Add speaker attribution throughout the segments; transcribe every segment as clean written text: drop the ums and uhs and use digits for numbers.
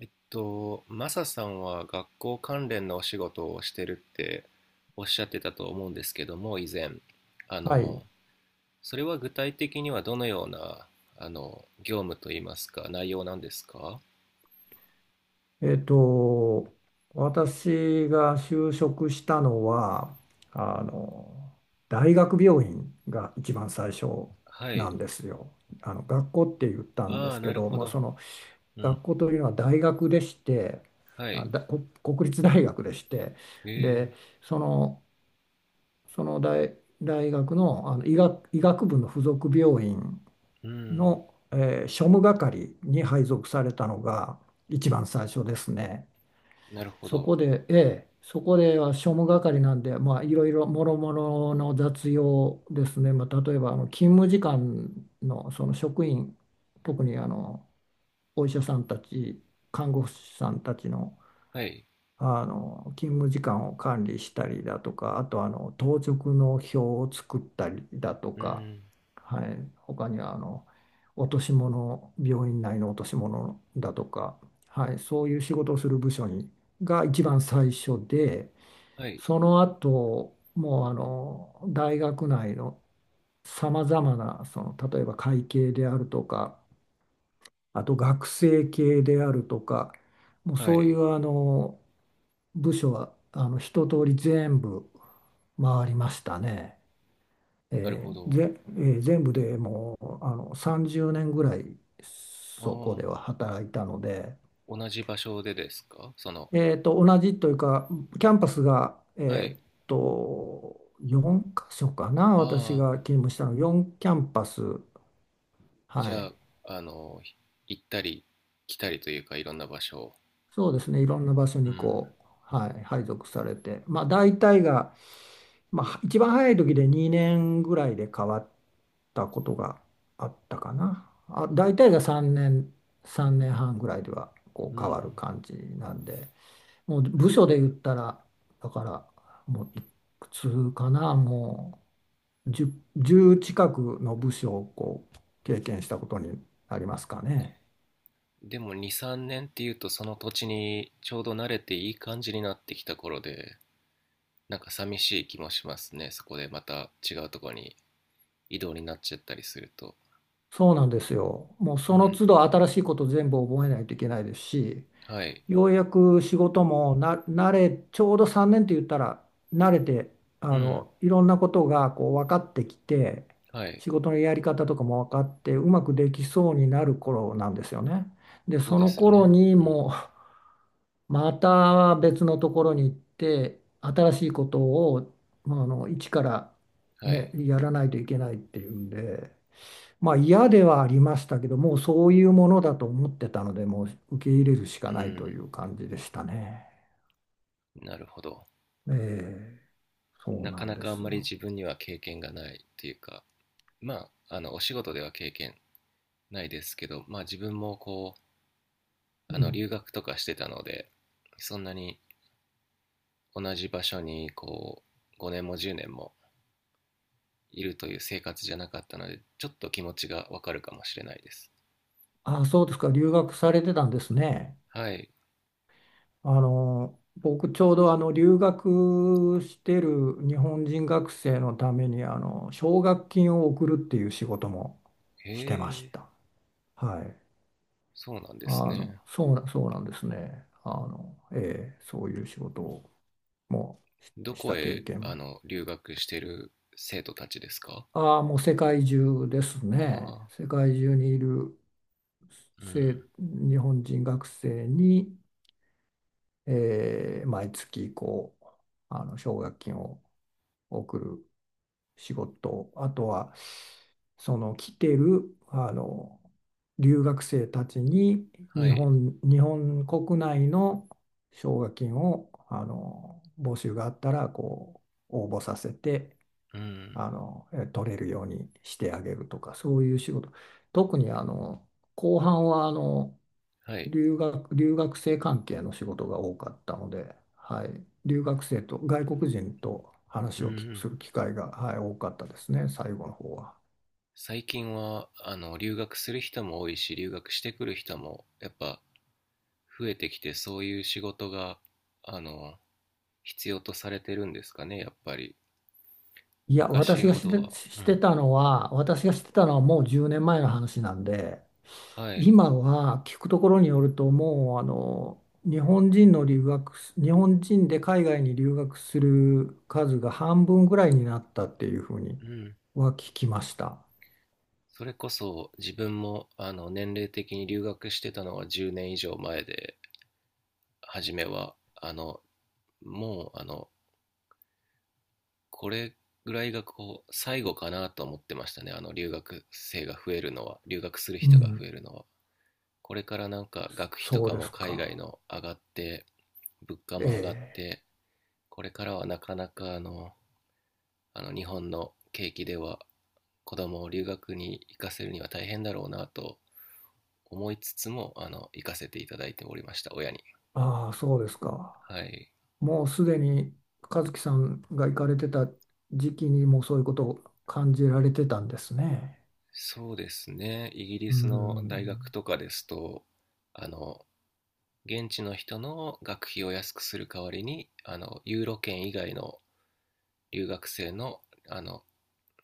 Speaker 1: マサさんは学校関連のお仕事をしてるっておっしゃってたと思うんですけども、以前。あ
Speaker 2: はい。
Speaker 1: の、それは具体的にはどのような、業務といいますか、内容なんですか？
Speaker 2: えっと、私が就職したのは、あの、大学病院が一番最初
Speaker 1: は
Speaker 2: な
Speaker 1: い。
Speaker 2: んですよ。学校って言ったんで
Speaker 1: ああ、
Speaker 2: すけ
Speaker 1: なる
Speaker 2: ど、
Speaker 1: ほ
Speaker 2: まあ、
Speaker 1: ど。
Speaker 2: その
Speaker 1: うん。
Speaker 2: 学校というのは大学でして、
Speaker 1: はい。
Speaker 2: 国立大学でして、
Speaker 1: ええ、
Speaker 2: で、その、その大、大学の、医学部の附属病院
Speaker 1: うん。
Speaker 2: の、庶務係に配属されたのが一番最初ですね。
Speaker 1: なるほど。
Speaker 2: そこでは庶務係なんで、まあ、いろいろもろもろの雑用ですね。まあ、例えば勤務時間の、その職員、特にお医者さんたち、看護師さんたちの
Speaker 1: はい。
Speaker 2: 勤務時間を管理したりだとか、あと当直の表を作ったりだと
Speaker 1: う
Speaker 2: か、
Speaker 1: ん。
Speaker 2: はい、他には落とし物、病院内の落とし物だとか、はい、そういう仕事をする部署が一番最初で、
Speaker 1: はい。
Speaker 2: その後もう大学内のさまざまな、その例えば会計であるとか、あと学生系であるとか、もう
Speaker 1: は
Speaker 2: そうい
Speaker 1: い。
Speaker 2: う部署は一通り全部回りましたね。
Speaker 1: なる
Speaker 2: え
Speaker 1: ほ
Speaker 2: ー
Speaker 1: ど。
Speaker 2: ぜ、えー全部でもう30年ぐらいそこ
Speaker 1: あ
Speaker 2: では
Speaker 1: あ、
Speaker 2: 働いたので、
Speaker 1: 同じ場所でですか、その、
Speaker 2: 同じというか、キャンパスが、
Speaker 1: はい。
Speaker 2: 4箇所かな、私
Speaker 1: ああ、
Speaker 2: が勤務したの、4キャンパス、は
Speaker 1: じゃ
Speaker 2: い、
Speaker 1: あ、あの、行ったり来たりというか、いろんな場所を。
Speaker 2: そうですね、いろんな場所
Speaker 1: う
Speaker 2: に
Speaker 1: ん。
Speaker 2: こう、はい、配属されて、まあ、大体が、まあ、一番早い時で2年ぐらいで変わったことがあったかな。あ、大体が3年、3年半ぐらいではこ
Speaker 1: う
Speaker 2: う変わる
Speaker 1: ん。
Speaker 2: 感じなんで、もう部署で言ったら、だからもういくつかな、もう10、じゅう近くの部署をこう経験したことになりますかね。
Speaker 1: でも2、3年っていうと、その土地にちょうど慣れていい感じになってきた頃で、なんか寂しい気もしますね。そこでまた違うところに移動になっちゃったりすると。
Speaker 2: そうなんですよ。もう
Speaker 1: う
Speaker 2: その
Speaker 1: ん。
Speaker 2: 都度新しいこと全部覚えないといけないですし、
Speaker 1: はい。
Speaker 2: ようやく仕事もな慣れ、ちょうど3年って言ったら慣れて、
Speaker 1: うん。
Speaker 2: いろんなことがこう分かってきて、
Speaker 1: はい。
Speaker 2: 仕事のやり方とかも分かって、うまくできそうになる頃なんですよね。で、
Speaker 1: そう
Speaker 2: そ
Speaker 1: で
Speaker 2: の
Speaker 1: すよ
Speaker 2: 頃
Speaker 1: ね。
Speaker 2: に
Speaker 1: うん。
Speaker 2: もう、また別のところに行って、新しいことを、まあ、一から
Speaker 1: は
Speaker 2: ね、
Speaker 1: い。
Speaker 2: やらないといけないっていうんで、まあ嫌ではありましたけど、もうそういうものだと思ってたので、もう受け入れるし
Speaker 1: う
Speaker 2: かないと
Speaker 1: ん。
Speaker 2: いう感じでしたね。
Speaker 1: なるほど。
Speaker 2: ええ、そう
Speaker 1: な
Speaker 2: な
Speaker 1: か
Speaker 2: ん
Speaker 1: な
Speaker 2: で
Speaker 1: かあん
Speaker 2: す
Speaker 1: まり
Speaker 2: よ。
Speaker 1: 自分には経験がないっていうか、まあ、お仕事では経験ないですけど、まあ自分もこ
Speaker 2: う
Speaker 1: あの
Speaker 2: ん。
Speaker 1: 留学とかしてたので、そんなに同じ場所にこう5年も10年もいるという生活じゃなかったので、ちょっと気持ちがわかるかもしれないです。
Speaker 2: あ、そうですか。留学されてたんですね。
Speaker 1: はい。
Speaker 2: 僕ちょうど留学してる日本人学生のために奨学金を送るっていう仕事も
Speaker 1: へ
Speaker 2: してまし
Speaker 1: え。
Speaker 2: た。はい。
Speaker 1: そうなんで
Speaker 2: あ
Speaker 1: すね。
Speaker 2: の、そうな、そうなんですね。ええ、そういう仕事をも
Speaker 1: ど
Speaker 2: うし
Speaker 1: こ
Speaker 2: た経
Speaker 1: へ
Speaker 2: 験
Speaker 1: あ
Speaker 2: も。
Speaker 1: の留学してる生徒たちですか？
Speaker 2: ああ、もう世界中ですね。
Speaker 1: ああ。
Speaker 2: 世界中にいる
Speaker 1: ーうん。
Speaker 2: 日本人学生に、毎月こう奨学金を送る仕事、あとはその来てる留学生たちに
Speaker 1: はい。
Speaker 2: 日本国内の奨学金を募集があったらこう応募させて、
Speaker 1: うん。
Speaker 2: 取れるようにしてあげるとか、そういう仕事。特に後半は
Speaker 1: はい。
Speaker 2: 留学生関係の仕事が多かったので、はい、留学生と外国人と
Speaker 1: う
Speaker 2: 話をきす
Speaker 1: ん。
Speaker 2: る機会が、はい、多かったですね、最後の方は。
Speaker 1: 最近はあの留学する人も多いし、留学してくる人もやっぱ増えてきて、そういう仕事があの必要とされてるんですかね、やっぱり。
Speaker 2: いや、
Speaker 1: 昔ほどは。うん。
Speaker 2: 私がしてたのはもう10年前の話なんで、
Speaker 1: はい。
Speaker 2: 今は聞くところによるともう日本人で海外に留学する数が半分ぐらいになったっていうふうに
Speaker 1: うん。
Speaker 2: は聞きました。
Speaker 1: それこそ自分もあの年齢的に留学してたのは10年以上前で、初めは、あの、もう、あの、これぐらいがこう、最後かなと思ってましたね。留学生が増えるのは、留学する
Speaker 2: う
Speaker 1: 人が増
Speaker 2: ん、
Speaker 1: えるのは。これからなんか学費と
Speaker 2: そう
Speaker 1: か
Speaker 2: で
Speaker 1: も
Speaker 2: す
Speaker 1: 海外
Speaker 2: か。
Speaker 1: の上がって、物価
Speaker 2: え
Speaker 1: も上がっ
Speaker 2: え、
Speaker 1: て、これからはなかなかあの日本の景気では子供を留学に行かせるには大変だろうなと思いつつも、行かせていただいておりました、親に。
Speaker 2: ああ、そうですか。
Speaker 1: はい。
Speaker 2: もうすでに和樹さんが行かれてた時期にもそういうことを感じられてたんですね。
Speaker 1: そうですね。イギリ
Speaker 2: う
Speaker 1: スの大学
Speaker 2: ん。
Speaker 1: とかですと、あの、現地の人の学費を安くする代わりに、ユーロ圏以外の留学生の、あの、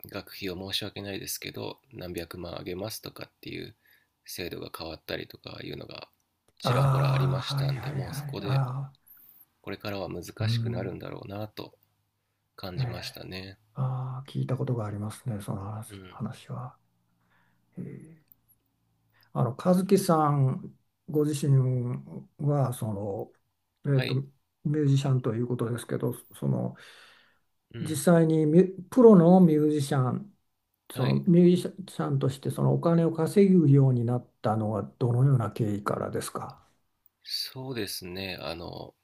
Speaker 1: 学費を申し訳ないですけど、何百万あげますとかっていう制度が変わったりとかいうのがちらほらあり
Speaker 2: あ
Speaker 1: ま
Speaker 2: あ、
Speaker 1: し
Speaker 2: は
Speaker 1: た
Speaker 2: い
Speaker 1: んで、
Speaker 2: はい
Speaker 1: もうそ
Speaker 2: は
Speaker 1: こ
Speaker 2: い。あ
Speaker 1: で
Speaker 2: あ、
Speaker 1: これからは
Speaker 2: う
Speaker 1: 難しくなる
Speaker 2: ん。
Speaker 1: んだろうなと感
Speaker 2: え
Speaker 1: じまし
Speaker 2: え、
Speaker 1: たね。
Speaker 2: ああ、聞いたことがありますね、
Speaker 1: うん。
Speaker 2: 話は。えー和樹さんご自身は、その、
Speaker 1: はい。
Speaker 2: ミュージシャンということですけど、その、
Speaker 1: うん。
Speaker 2: 実際にプロの
Speaker 1: はい。
Speaker 2: ミュージシャンとしてそのお金を稼ぐようになったのはどのような経緯からですか？
Speaker 1: そうですね。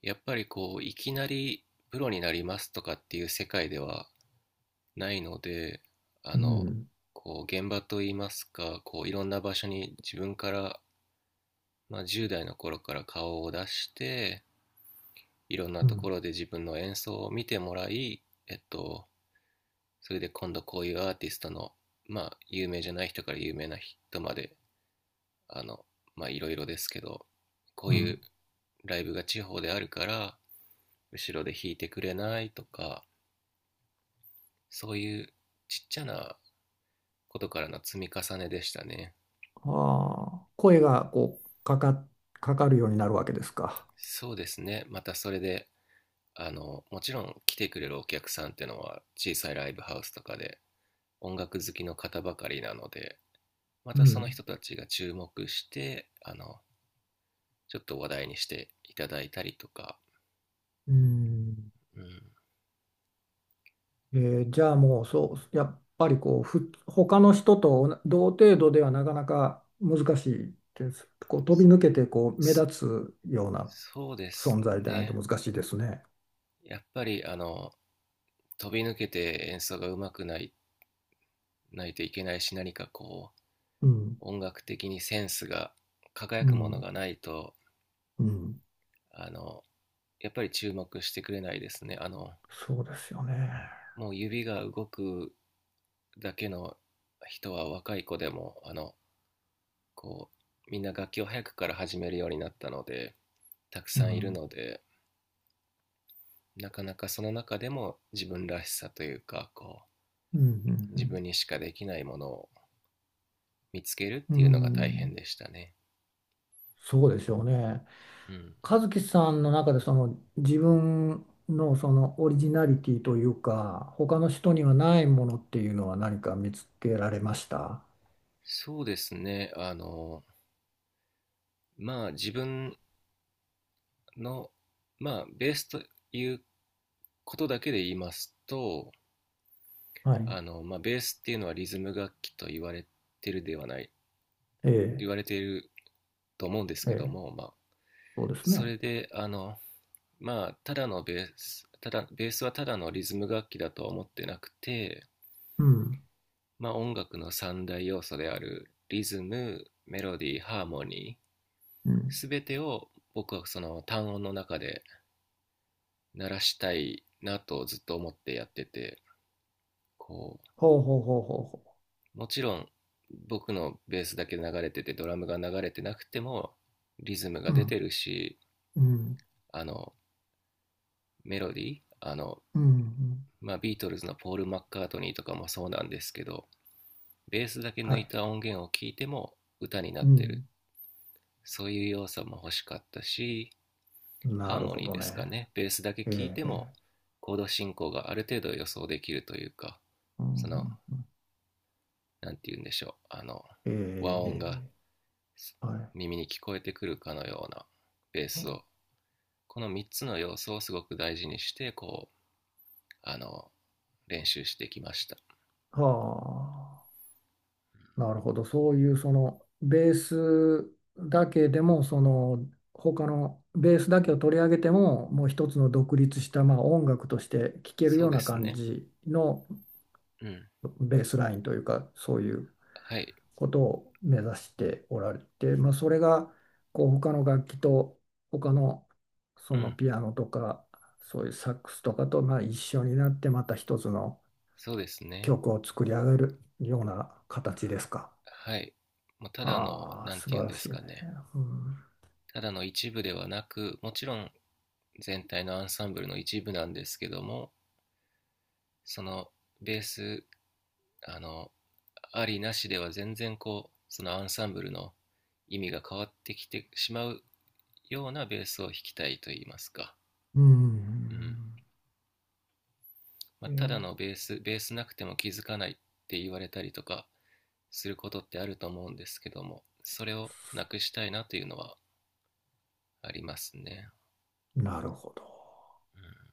Speaker 1: やっぱりこう、いきなりプロになりますとかっていう世界ではないので、あ
Speaker 2: う
Speaker 1: の、
Speaker 2: ん、
Speaker 1: こう、現場といいますか、こう、いろんな場所に自分から、まあ、10代の頃から顔を出して、いろんな
Speaker 2: う
Speaker 1: とこ
Speaker 2: ん、
Speaker 1: ろで自分の演奏を見てもらい、えっと、それで今度こういうアーティストの、まあ、有名じゃない人から有名な人まであの、まあいろいろですけど、こ
Speaker 2: う
Speaker 1: ういう
Speaker 2: ん。
Speaker 1: ライブが地方であるから、後ろで弾いてくれないとか、そういうちっちゃなことからの積み重ねでしたね。
Speaker 2: ああ、声がこう、かかるようになるわけですか？
Speaker 1: そうですね。またそれで、もちろん来てくれるお客さんっていうのは小さいライブハウスとかで音楽好きの方ばかりなので、ま
Speaker 2: う
Speaker 1: たその
Speaker 2: ん、
Speaker 1: 人たちが注目して、ちょっと話題にしていただいたりとか、
Speaker 2: うん。
Speaker 1: うん、
Speaker 2: じゃあもうそう、やっぱりこう他の人と同程度ではなかなか難しいです、こう飛び抜けてこう目立つような
Speaker 1: そうです
Speaker 2: 存在でないと
Speaker 1: ね。
Speaker 2: 難しいですね。
Speaker 1: やっぱりあの飛び抜けて演奏がうまくないといけないし、何かこう
Speaker 2: うん、
Speaker 1: 音楽的にセンスが輝
Speaker 2: う
Speaker 1: くもの
Speaker 2: ん、
Speaker 1: がないと、
Speaker 2: うん。
Speaker 1: あのやっぱり注目してくれないですね。あの
Speaker 2: そうですよね。
Speaker 1: もう指が動くだけの人は若い子でも、あのこうみんな楽器を早くから始めるようになったのでたく
Speaker 2: う
Speaker 1: さんいる
Speaker 2: ん、
Speaker 1: ので、なかなかその中でも自分らしさというか、こ
Speaker 2: うん、う
Speaker 1: う自分
Speaker 2: ん、
Speaker 1: にしかできないものを見つけるっ
Speaker 2: うん、
Speaker 1: ていうのが
Speaker 2: う
Speaker 1: 大変
Speaker 2: ん。
Speaker 1: でしたね。
Speaker 2: そうでしょうね。
Speaker 1: うん、
Speaker 2: 和樹さんの中でその自分のそのオリジナリティというか他の人にはないものっていうのは何か見つけられました？
Speaker 1: そうですね。まあ自分の、まあベースということだけで言いますと、
Speaker 2: はい。
Speaker 1: まあベースっていうのはリズム楽器とてるではない、
Speaker 2: え
Speaker 1: 言
Speaker 2: え、
Speaker 1: われていると思うんです
Speaker 2: え
Speaker 1: けど
Speaker 2: え、
Speaker 1: も、まあ
Speaker 2: そうです
Speaker 1: そ
Speaker 2: ね。
Speaker 1: れで、まあただのベース、ただ、ベースはただのリズム楽器だとは思ってなくて、
Speaker 2: うん、
Speaker 1: まあ音楽の三大要素であるリズム、メロディー、ハーモニー、
Speaker 2: うん。
Speaker 1: すべてを僕はその単音の中で鳴らしたいなとずっと思ってやってて、こ
Speaker 2: ほうほうほうほうほ
Speaker 1: うもちろん僕のベースだけ流れててドラムが流れてなくてもリズムが
Speaker 2: う。う
Speaker 1: 出て
Speaker 2: ん、
Speaker 1: るし、
Speaker 2: うん、
Speaker 1: あのメロディー、あの、
Speaker 2: うん、うん。
Speaker 1: まあ、ビートルズのポール・マッカートニーとかもそうなんですけど、ベースだけ
Speaker 2: は
Speaker 1: 抜い
Speaker 2: い。
Speaker 1: た音源を聞いても歌にな
Speaker 2: う
Speaker 1: ってる、
Speaker 2: ん。
Speaker 1: そういう要素も欲しかったし、
Speaker 2: な
Speaker 1: ハー
Speaker 2: る
Speaker 1: モ
Speaker 2: ほ
Speaker 1: ニー
Speaker 2: ど
Speaker 1: ですか
Speaker 2: ね。
Speaker 1: ね、ベースだけ
Speaker 2: え
Speaker 1: 聞い
Speaker 2: え、
Speaker 1: て
Speaker 2: え
Speaker 1: も
Speaker 2: え、
Speaker 1: コード進行がある程度予想できるというか、
Speaker 2: う
Speaker 1: その、
Speaker 2: ん、
Speaker 1: なんて言うんでしょう、
Speaker 2: え
Speaker 1: 和
Speaker 2: え、
Speaker 1: 音が
Speaker 2: ええ。はい。
Speaker 1: 耳に聞こえてくるかのようなベースを、この3つの要素をすごく大事にして、こう、あの、練習してきました。
Speaker 2: はあ、なるほど。そういうそのベースだけでも、その他のベースだけを取り上げても、もう一つの独立した、まあ、音楽として聴ける
Speaker 1: そ
Speaker 2: よ
Speaker 1: う
Speaker 2: う
Speaker 1: で
Speaker 2: な
Speaker 1: す
Speaker 2: 感
Speaker 1: ね。
Speaker 2: じの
Speaker 1: うん。
Speaker 2: ベースラインというか、そういう
Speaker 1: はい。
Speaker 2: ことを目指しておられて、まあ、それがこう他の楽器と他のそ
Speaker 1: う
Speaker 2: の
Speaker 1: ん。
Speaker 2: ピアノとかそういうサックスとかとまあ一緒になってまた一つの
Speaker 1: そうですね。
Speaker 2: 曲を作り上げるような形ですか？
Speaker 1: はい。もうただの、
Speaker 2: ああ、
Speaker 1: なん
Speaker 2: 素
Speaker 1: て言う
Speaker 2: 晴
Speaker 1: ん
Speaker 2: ら
Speaker 1: で
Speaker 2: し
Speaker 1: す
Speaker 2: い
Speaker 1: か
Speaker 2: ね。
Speaker 1: ね。
Speaker 2: うん。
Speaker 1: ただの一部ではなく、もちろん全体のアンサンブルの一部なんですけども、そのベース、あの、ありなしでは全然こうそのアンサンブルの意味が変わってきてしまうようなベースを弾きたいと言いますか、
Speaker 2: うん。
Speaker 1: うん、まあ、
Speaker 2: え
Speaker 1: ただのベースベースなくても気づかないって言われたりとかすることってあると思うんですけども、それをなくしたいなというのはありますね、
Speaker 2: なるほど。
Speaker 1: うん、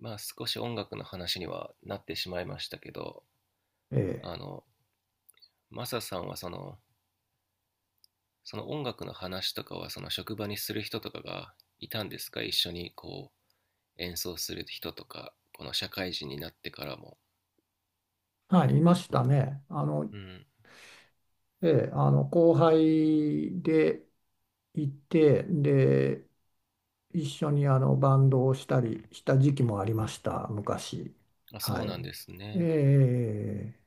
Speaker 1: まあ少し音楽の話にはなってしまいましたけど、
Speaker 2: ええ。
Speaker 1: あのマサさんはその音楽の話とかはその職場にする人とかがいたんですか、一緒に演奏する人とか、この社会人になってからも、
Speaker 2: はい、いましたね。
Speaker 1: うん、
Speaker 2: ええ、後輩でいて、で、一緒にバンドをしたりした時期もありました、昔。
Speaker 1: あ、
Speaker 2: は
Speaker 1: そう
Speaker 2: い。
Speaker 1: なんですね。
Speaker 2: ええ、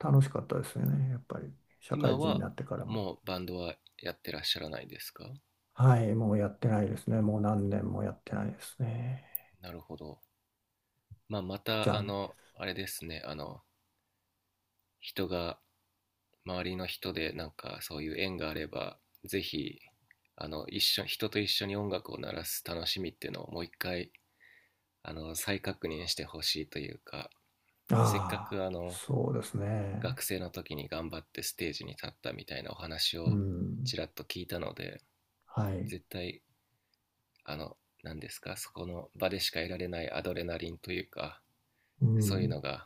Speaker 2: 楽しかったですよね、やっぱり。社
Speaker 1: 今
Speaker 2: 会人に
Speaker 1: は
Speaker 2: なってからも。
Speaker 1: もうバンドはやってらっしゃらないですか？
Speaker 2: はい、もうやってないですね。もう何年もやってないですね。
Speaker 1: なるほど、まあ、またあ
Speaker 2: 残
Speaker 1: のあれですね、あの人が周りの人でなんかそういう縁があればぜひあの人と一緒に音楽を鳴らす楽しみっていうのをもう一回あの再確認してほしいというか、
Speaker 2: 念。
Speaker 1: せっかく
Speaker 2: ああ、
Speaker 1: あの
Speaker 2: そうですね。
Speaker 1: 学生の時に頑張ってステージに立ったみたいなお話
Speaker 2: う
Speaker 1: をち
Speaker 2: ん。
Speaker 1: らっと聞いたので、
Speaker 2: はい。
Speaker 1: 絶対あの何ですか、そこの場でしか得られないアドレナリンというか、
Speaker 2: う
Speaker 1: そういうの
Speaker 2: ん。
Speaker 1: が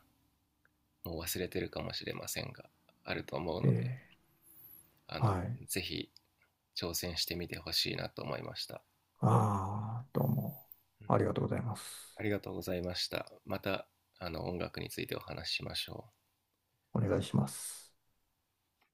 Speaker 1: もう忘れてるかもしれませんがあると思う
Speaker 2: え
Speaker 1: ので、
Speaker 2: え、
Speaker 1: あの
Speaker 2: はい。
Speaker 1: ぜひ挑戦してみてほしいなと思いました。
Speaker 2: ああ、どうも。ありがとうございます。
Speaker 1: ありがとうございました。また、あの音楽についてお話ししましょう。
Speaker 2: お願いします。